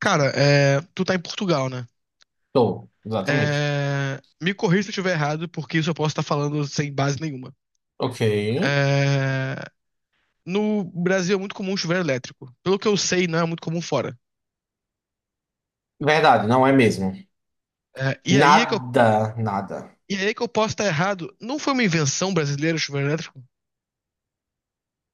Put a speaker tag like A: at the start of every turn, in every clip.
A: Cara, tu tá em Portugal, né?
B: Tô, exatamente.
A: Me corrija se eu estiver errado, porque isso eu posso estar falando sem base nenhuma.
B: Ok.
A: É, no Brasil é muito comum chuveiro elétrico. Pelo que eu sei, não é muito comum fora.
B: Verdade, não é mesmo.
A: É, e aí é que eu,
B: Nada, nada.
A: e aí é que eu posso estar errado. Não foi uma invenção brasileira o chuveiro elétrico?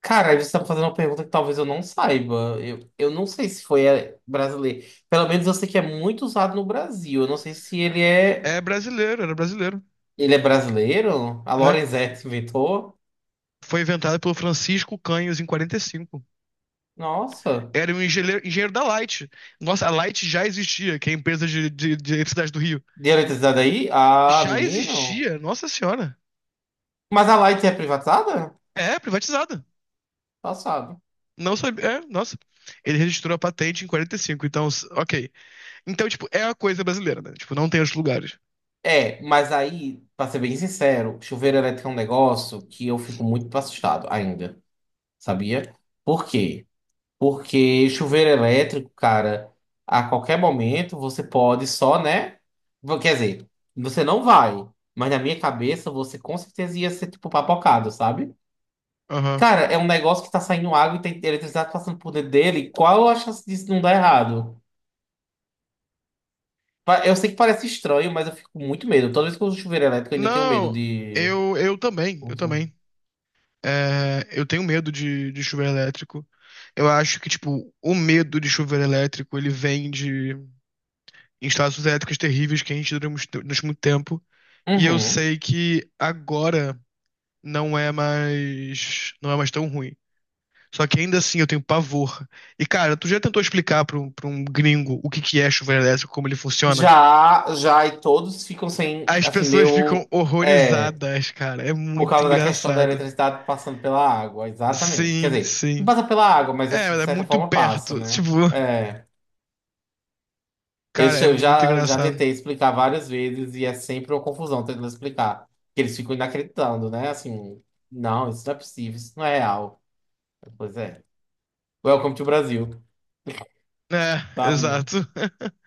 B: Cara, aí você tá me fazendo uma pergunta que talvez eu não saiba. Eu não sei se foi brasileiro. Pelo menos eu sei que é muito usado no Brasil. Eu não sei se ele é.
A: É brasileiro, era brasileiro.
B: Ele é brasileiro? A
A: É.
B: Lorenzetti inventou?
A: Foi inventado pelo Francisco Canhos em 45.
B: Nossa.
A: Era um engenheiro, engenheiro da Light. Nossa, a Light já existia, que é a empresa de eletricidade do Rio.
B: De eletricidade aí? Ah,
A: Já
B: menino.
A: existia, nossa senhora.
B: Mas a Light é privatizada?
A: É, privatizada.
B: Passado.
A: Não sabia. É, nossa. Ele registrou a patente em 45. Então, ok. Então, tipo, é a coisa brasileira, né? Tipo, não tem outros lugares.
B: É, mas aí, pra ser bem sincero, chuveiro elétrico é um negócio que eu fico muito assustado ainda. Sabia? Por quê? Porque chuveiro elétrico, cara, a qualquer momento você pode só, né? Quer dizer, você não vai, mas na minha cabeça você com certeza ia ser tipo papocado, sabe?
A: Aham.
B: Cara, é um negócio que tá saindo água e tem eletricidade passando por dentro dele. Qual a chance disso não dar errado? Eu sei que parece estranho, mas eu fico com muito medo. Toda vez que eu uso chuveiro elétrico, eu ainda tenho medo
A: Não,
B: de.
A: eu também, eu também. É, eu tenho medo de chuveiro elétrico. Eu acho que, tipo, o medo de chuveiro elétrico, ele vem de instalações elétricas terríveis que a gente durante muito tempo. E eu
B: Uhum.
A: sei que agora não é mais tão ruim. Só que ainda assim eu tenho pavor. E cara, tu já tentou explicar pra um gringo o que que é chuveiro elétrico, como ele funciona?
B: Já, já, e todos ficam sem,
A: As
B: assim,
A: pessoas ficam
B: meio. É.
A: horrorizadas, cara. É
B: Por
A: muito
B: causa da questão da
A: engraçado.
B: eletricidade passando pela água, exatamente. Quer
A: Sim,
B: dizer, não
A: sim.
B: passa pela água, mas
A: É,
B: assim, de
A: é
B: certa
A: muito
B: forma passa,
A: perto. Tipo,
B: né? É.
A: cara, é
B: Eu
A: muito
B: já, já
A: engraçado.
B: tentei explicar várias vezes e é sempre uma confusão tentando explicar. Que eles ficam inacreditando, né? Assim, não, isso não é possível, isso não é real. Pois é. Welcome to Brasil,
A: É,
B: tá?
A: exato.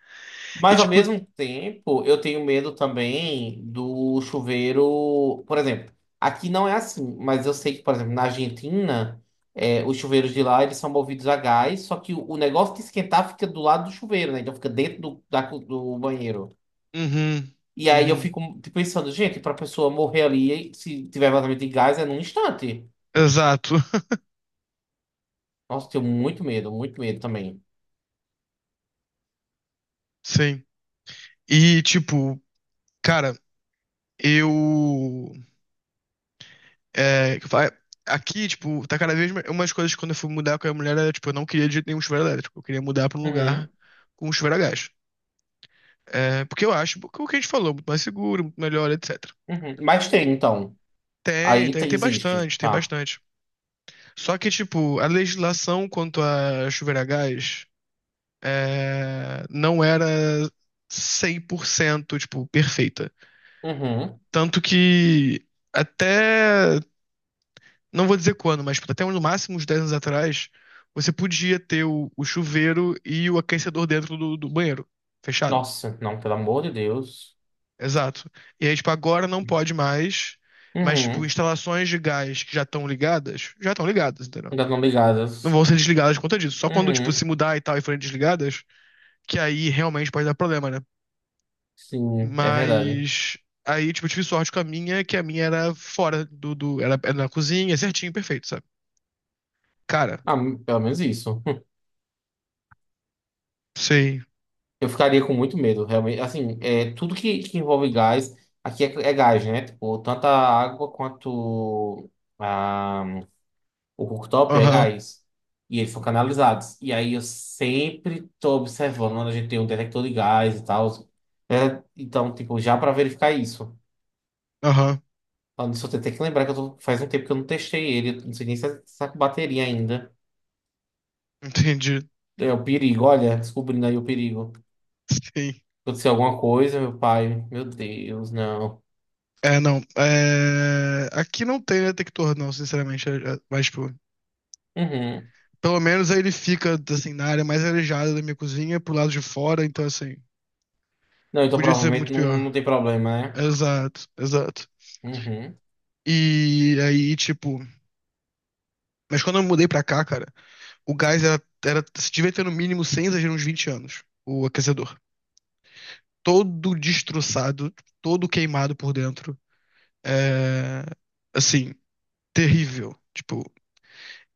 A: E
B: Mas ao
A: tipo,
B: mesmo tempo, eu tenho medo também do chuveiro. Por exemplo, aqui não é assim, mas eu sei que, por exemplo, na Argentina, os chuveiros de lá eles são movidos a gás, só que o negócio de esquentar fica do lado do chuveiro, né? Então fica dentro do banheiro.
A: uhum,
B: E aí eu
A: uhum,
B: fico pensando, gente, pra pessoa morrer ali, se tiver vazamento de gás, é num instante.
A: exato.
B: Nossa, tenho muito medo também.
A: Sim. E tipo, cara, eu É, que eu falo, é, aqui, tipo, tá cada vez mais. Uma das coisas que quando eu fui mudar com a mulher era, tipo, eu não queria de jeito nenhum chuveiro elétrico. Eu queria mudar pra um
B: Uhum,
A: lugar com um chuveiro a gás. É, porque eu acho que o que a gente falou, muito mais seguro, muito melhor, etc.
B: uhum. Mas tem, então.
A: Tem, tem
B: Existe,
A: bastante, tem
B: tá?
A: bastante. Só que, tipo, a legislação quanto a chuveiro a gás não era 100% tipo, perfeita.
B: Uhum.
A: Tanto que até Não vou dizer quando, mas tipo, até no máximo uns 10 anos atrás, você podia ter o chuveiro e o aquecedor dentro do banheiro, fechado.
B: Nossa, não, pelo amor de Deus.
A: Exato. E aí, tipo, agora não pode mais, mas, tipo,
B: Uhum.
A: instalações de gás que já estão ligadas, entendeu?
B: Ainda não
A: Não
B: ligadas.
A: vão ser desligadas por conta disso. Só quando, tipo,
B: Uhum.
A: se mudar e tal e forem desligadas, que aí realmente pode dar problema, né?
B: Sim, é verdade.
A: Mas aí, tipo, eu tive sorte com a minha, que a minha era fora do, do era, era na cozinha, certinho, perfeito, sabe? Cara,
B: Ah, pelo menos isso.
A: sei.
B: Eu ficaria com muito medo, realmente. Assim, tudo que envolve gás, aqui é gás, né? Tipo, tanto a água quanto a, o cooktop é
A: Aham,
B: gás. E eles são canalizados. E aí eu sempre tô observando quando a gente tem um detector de gás e tal. É, então, tipo, já para verificar isso.
A: aham.
B: Ah, nisso eu tenho até que lembrar que eu faz um tempo que eu não testei ele. Não sei nem se está com bateria ainda.
A: Entendi.
B: É o perigo, olha, descobrindo aí o perigo.
A: Sim.
B: Aconteceu alguma coisa, meu pai. Meu Deus, não.
A: É, não. É... Aqui não tem detector, não, sinceramente. Mas, tipo,
B: Uhum.
A: pelo menos aí ele fica, assim, na área mais arejada da minha cozinha, pro lado de fora, então, assim,
B: Não, então
A: podia ser
B: provavelmente
A: muito
B: não, não
A: pior.
B: tem problema, né?
A: Exato, exato.
B: Uhum.
A: E aí, tipo. Mas quando eu mudei pra cá, cara, o gás se devia ter no mínimo, sem exagero, uns 20 anos, o aquecedor. Todo destroçado, todo queimado por dentro. É. Assim, terrível. Tipo,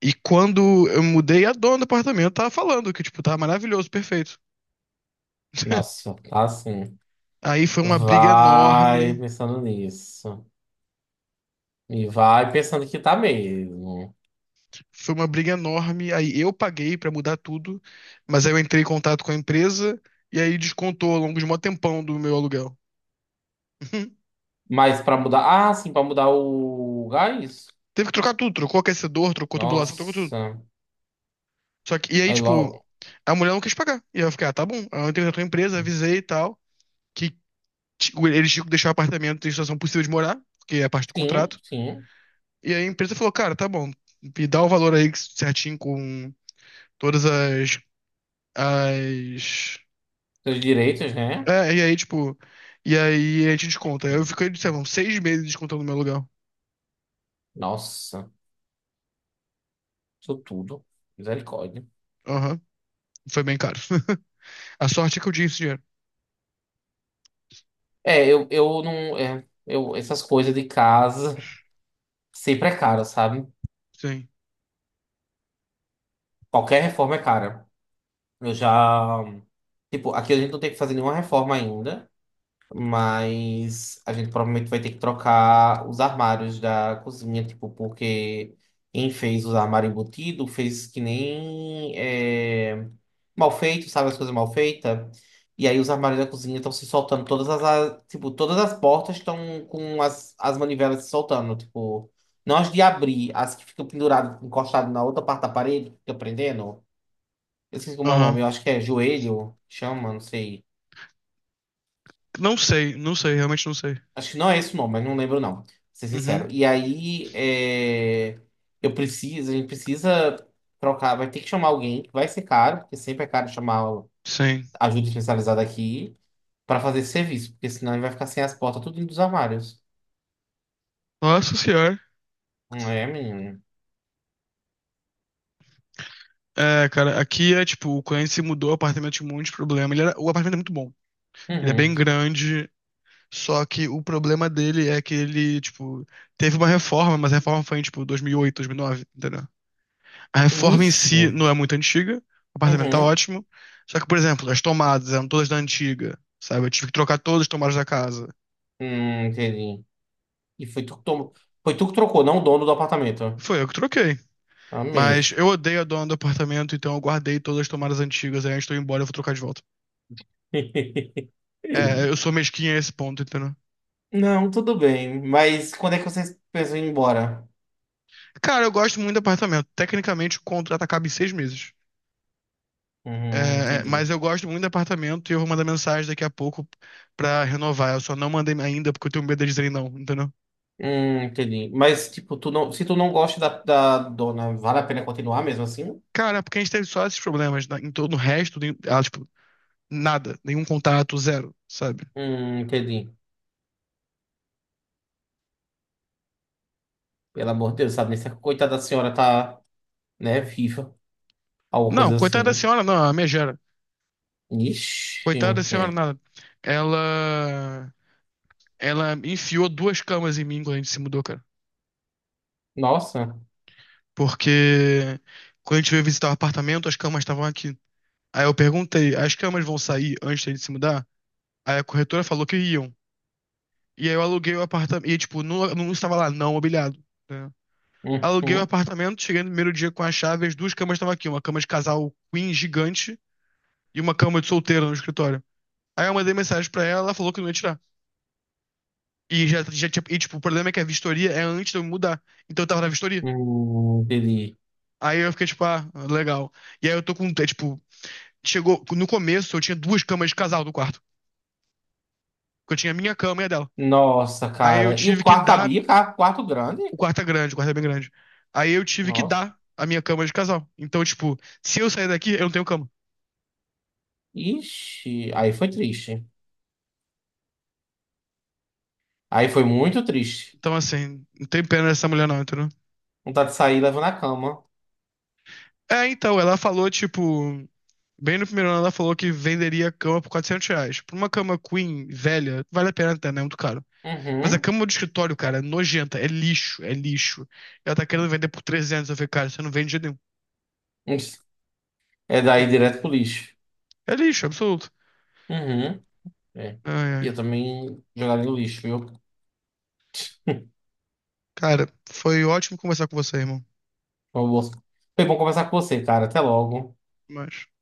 A: E quando eu mudei, a dona do apartamento tava falando que, tipo, tava maravilhoso, perfeito.
B: Nossa, tá assim.
A: Aí foi uma briga
B: Vai
A: enorme,
B: pensando nisso. E vai pensando que tá mesmo.
A: foi uma briga enorme. Aí eu paguei pra mudar tudo, mas aí eu entrei em contato com a empresa e aí descontou ao longo de um mó tempão do meu aluguel. Uhum.
B: Mas pra mudar. Ah, sim, pra mudar o gás?
A: Teve que trocar tudo, trocou aquecedor, trocou tubulação, trocou tudo.
B: Nossa.
A: Só que, e aí,
B: Aí
A: tipo,
B: logo.
A: a mulher não quis pagar. E eu fiquei, ah, tá bom. Aí eu entrei na tua empresa, avisei e tal, que eles tinham que deixar o apartamento em situação possível de morar, porque é parte do
B: Sim,
A: contrato.
B: sim.
A: E aí a empresa falou, cara, tá bom, me dá o valor aí certinho com todas as...
B: Seus direitos, né?
A: É, e aí, tipo, e aí a gente desconta. Eu fiquei, sei lá, uns 6 meses descontando meu aluguel.
B: Nossa, isso tudo. Misericórdia.
A: Aham, foi bem caro. A sorte é que eu tinha esse dinheiro.
B: É, eu não. Essas coisas de casa sempre é cara, sabe?
A: Sim,
B: Qualquer reforma é cara. Eu já. Tipo, aqui a gente não tem que fazer nenhuma reforma ainda. Mas a gente provavelmente vai ter que trocar os armários da cozinha, tipo, porque quem fez os armários embutidos fez que nem mal feito, sabe, as coisas mal feitas. E aí os armários da cozinha estão se soltando, tipo, todas as portas estão com as manivelas se soltando, tipo, não as de abrir, as que ficam penduradas, encostadas na outra parte da parede, que fica prendendo. Eu esqueci como é o
A: aham.
B: nome, eu acho que é joelho, chama, não sei.
A: Não sei, não sei, realmente não sei.
B: Acho que não é esse o nome, mas não lembro, não. Pra ser sincero.
A: Uhum,
B: E aí, a gente precisa trocar. Vai ter que chamar alguém, que vai ser caro, porque sempre é caro chamar
A: sim.
B: ajuda especializada aqui, pra fazer esse serviço, porque senão ele vai ficar sem as portas, tudo indo dos armários.
A: Nossa senhora.
B: Não é, menino?
A: É, cara, aqui é tipo, o cliente se mudou, o apartamento tinha um monte de problema. O apartamento é muito bom. Ele é bem
B: Uhum.
A: grande, só que o problema dele é que ele, tipo, teve uma reforma, mas a reforma foi em, tipo, 2008, 2009, entendeu? A reforma em
B: Ixi.
A: si não é muito antiga, o apartamento tá
B: Uhum.
A: ótimo. Só que, por exemplo, as tomadas eram todas da antiga, sabe? Eu tive que trocar todas as tomadas da casa.
B: Entendi. E foi tu que tomou. Foi tu que trocou, não o dono do apartamento.
A: Foi eu que troquei.
B: Amei.
A: Mas eu odeio a dona do apartamento, então eu guardei todas as tomadas antigas. Aí antes de eu ir embora, eu vou trocar de volta. É, eu sou mesquinha a esse ponto, entendeu?
B: Não, tudo bem. Mas quando é que vocês pensam em ir embora?
A: Cara, eu gosto muito do apartamento. Tecnicamente, o contrato acaba em 6 meses. É, mas
B: Entendi.
A: eu gosto muito do apartamento e eu vou mandar mensagem daqui a pouco pra renovar. Eu só não mandei ainda porque eu tenho medo de dizer não, entendeu?
B: Entendi. Mas, tipo, tu não, se tu não gosta da dona, vale a pena continuar mesmo assim?
A: Cara, porque a gente teve só esses problemas, né? Em todo o resto, tipo, nada, nenhum contato, zero, sabe?
B: Entendi. Pelo amor de Deus, sabe? Nem se a coitada da senhora tá, né, viva. Alguma
A: Não,
B: coisa
A: coitada da
B: assim.
A: senhora, não, a minha gera.
B: Ixi,
A: Coitada da senhora,
B: é.
A: nada. Ela, ela enfiou duas camas em mim quando a gente se mudou, cara.
B: Nossa.
A: Porque quando a gente veio visitar o apartamento, as camas estavam aqui. Aí eu perguntei, as camas vão sair antes de gente se mudar? Aí a corretora falou que iam. E aí eu aluguei o apartamento. E, tipo, não, não estava lá, não mobiliado. Né? Aluguei o
B: Uhum.
A: apartamento, cheguei no primeiro dia com a chave, as duas camas estavam aqui, uma cama de casal queen gigante e uma cama de solteira no escritório. Aí eu mandei mensagem pra ela, ela falou que não ia tirar. E já tinha. E, tipo, o problema é que a vistoria é antes de eu me mudar. Então eu tava na vistoria.
B: Entendi.
A: Aí eu fiquei, tipo, ah, legal. E aí eu tô com. É, tipo, chegou. No começo eu tinha duas camas de casal no quarto. Porque eu tinha a minha cama e a dela.
B: Nossa,
A: Aí eu
B: cara. E o
A: tive que
B: quarto
A: dar
B: cabia, cara? Quarto grande?
A: O quarto é grande, o quarto é bem grande. Aí eu tive que
B: Nossa.
A: dar a minha cama de casal. Então, tipo, se eu sair daqui, eu não tenho cama.
B: Ixi. Aí foi triste. Aí foi muito triste.
A: Então, assim, não tem pena dessa mulher não, entendeu?
B: Vontade de sair levando a cama.
A: É, então, ela falou, tipo... Bem no primeiro ano, ela falou que venderia a cama por R$ 400. Por uma cama queen velha, vale a pena até, né? É muito caro. Mas a
B: Uhum.
A: cama do escritório, cara, é nojenta. É lixo, é lixo. Ela tá querendo vender por 300. Eu falei, cara, você não vende de jeito nenhum.
B: Ixi. É
A: Tá.
B: daí direto pro lixo.
A: É lixo, absoluto.
B: Uhum, é.
A: Ai, ai.
B: Eu também jogaria no lixo, viu?
A: Cara, foi ótimo conversar com você, irmão.
B: Foi bom foi bom conversar com você, cara. Até logo.
A: Mas...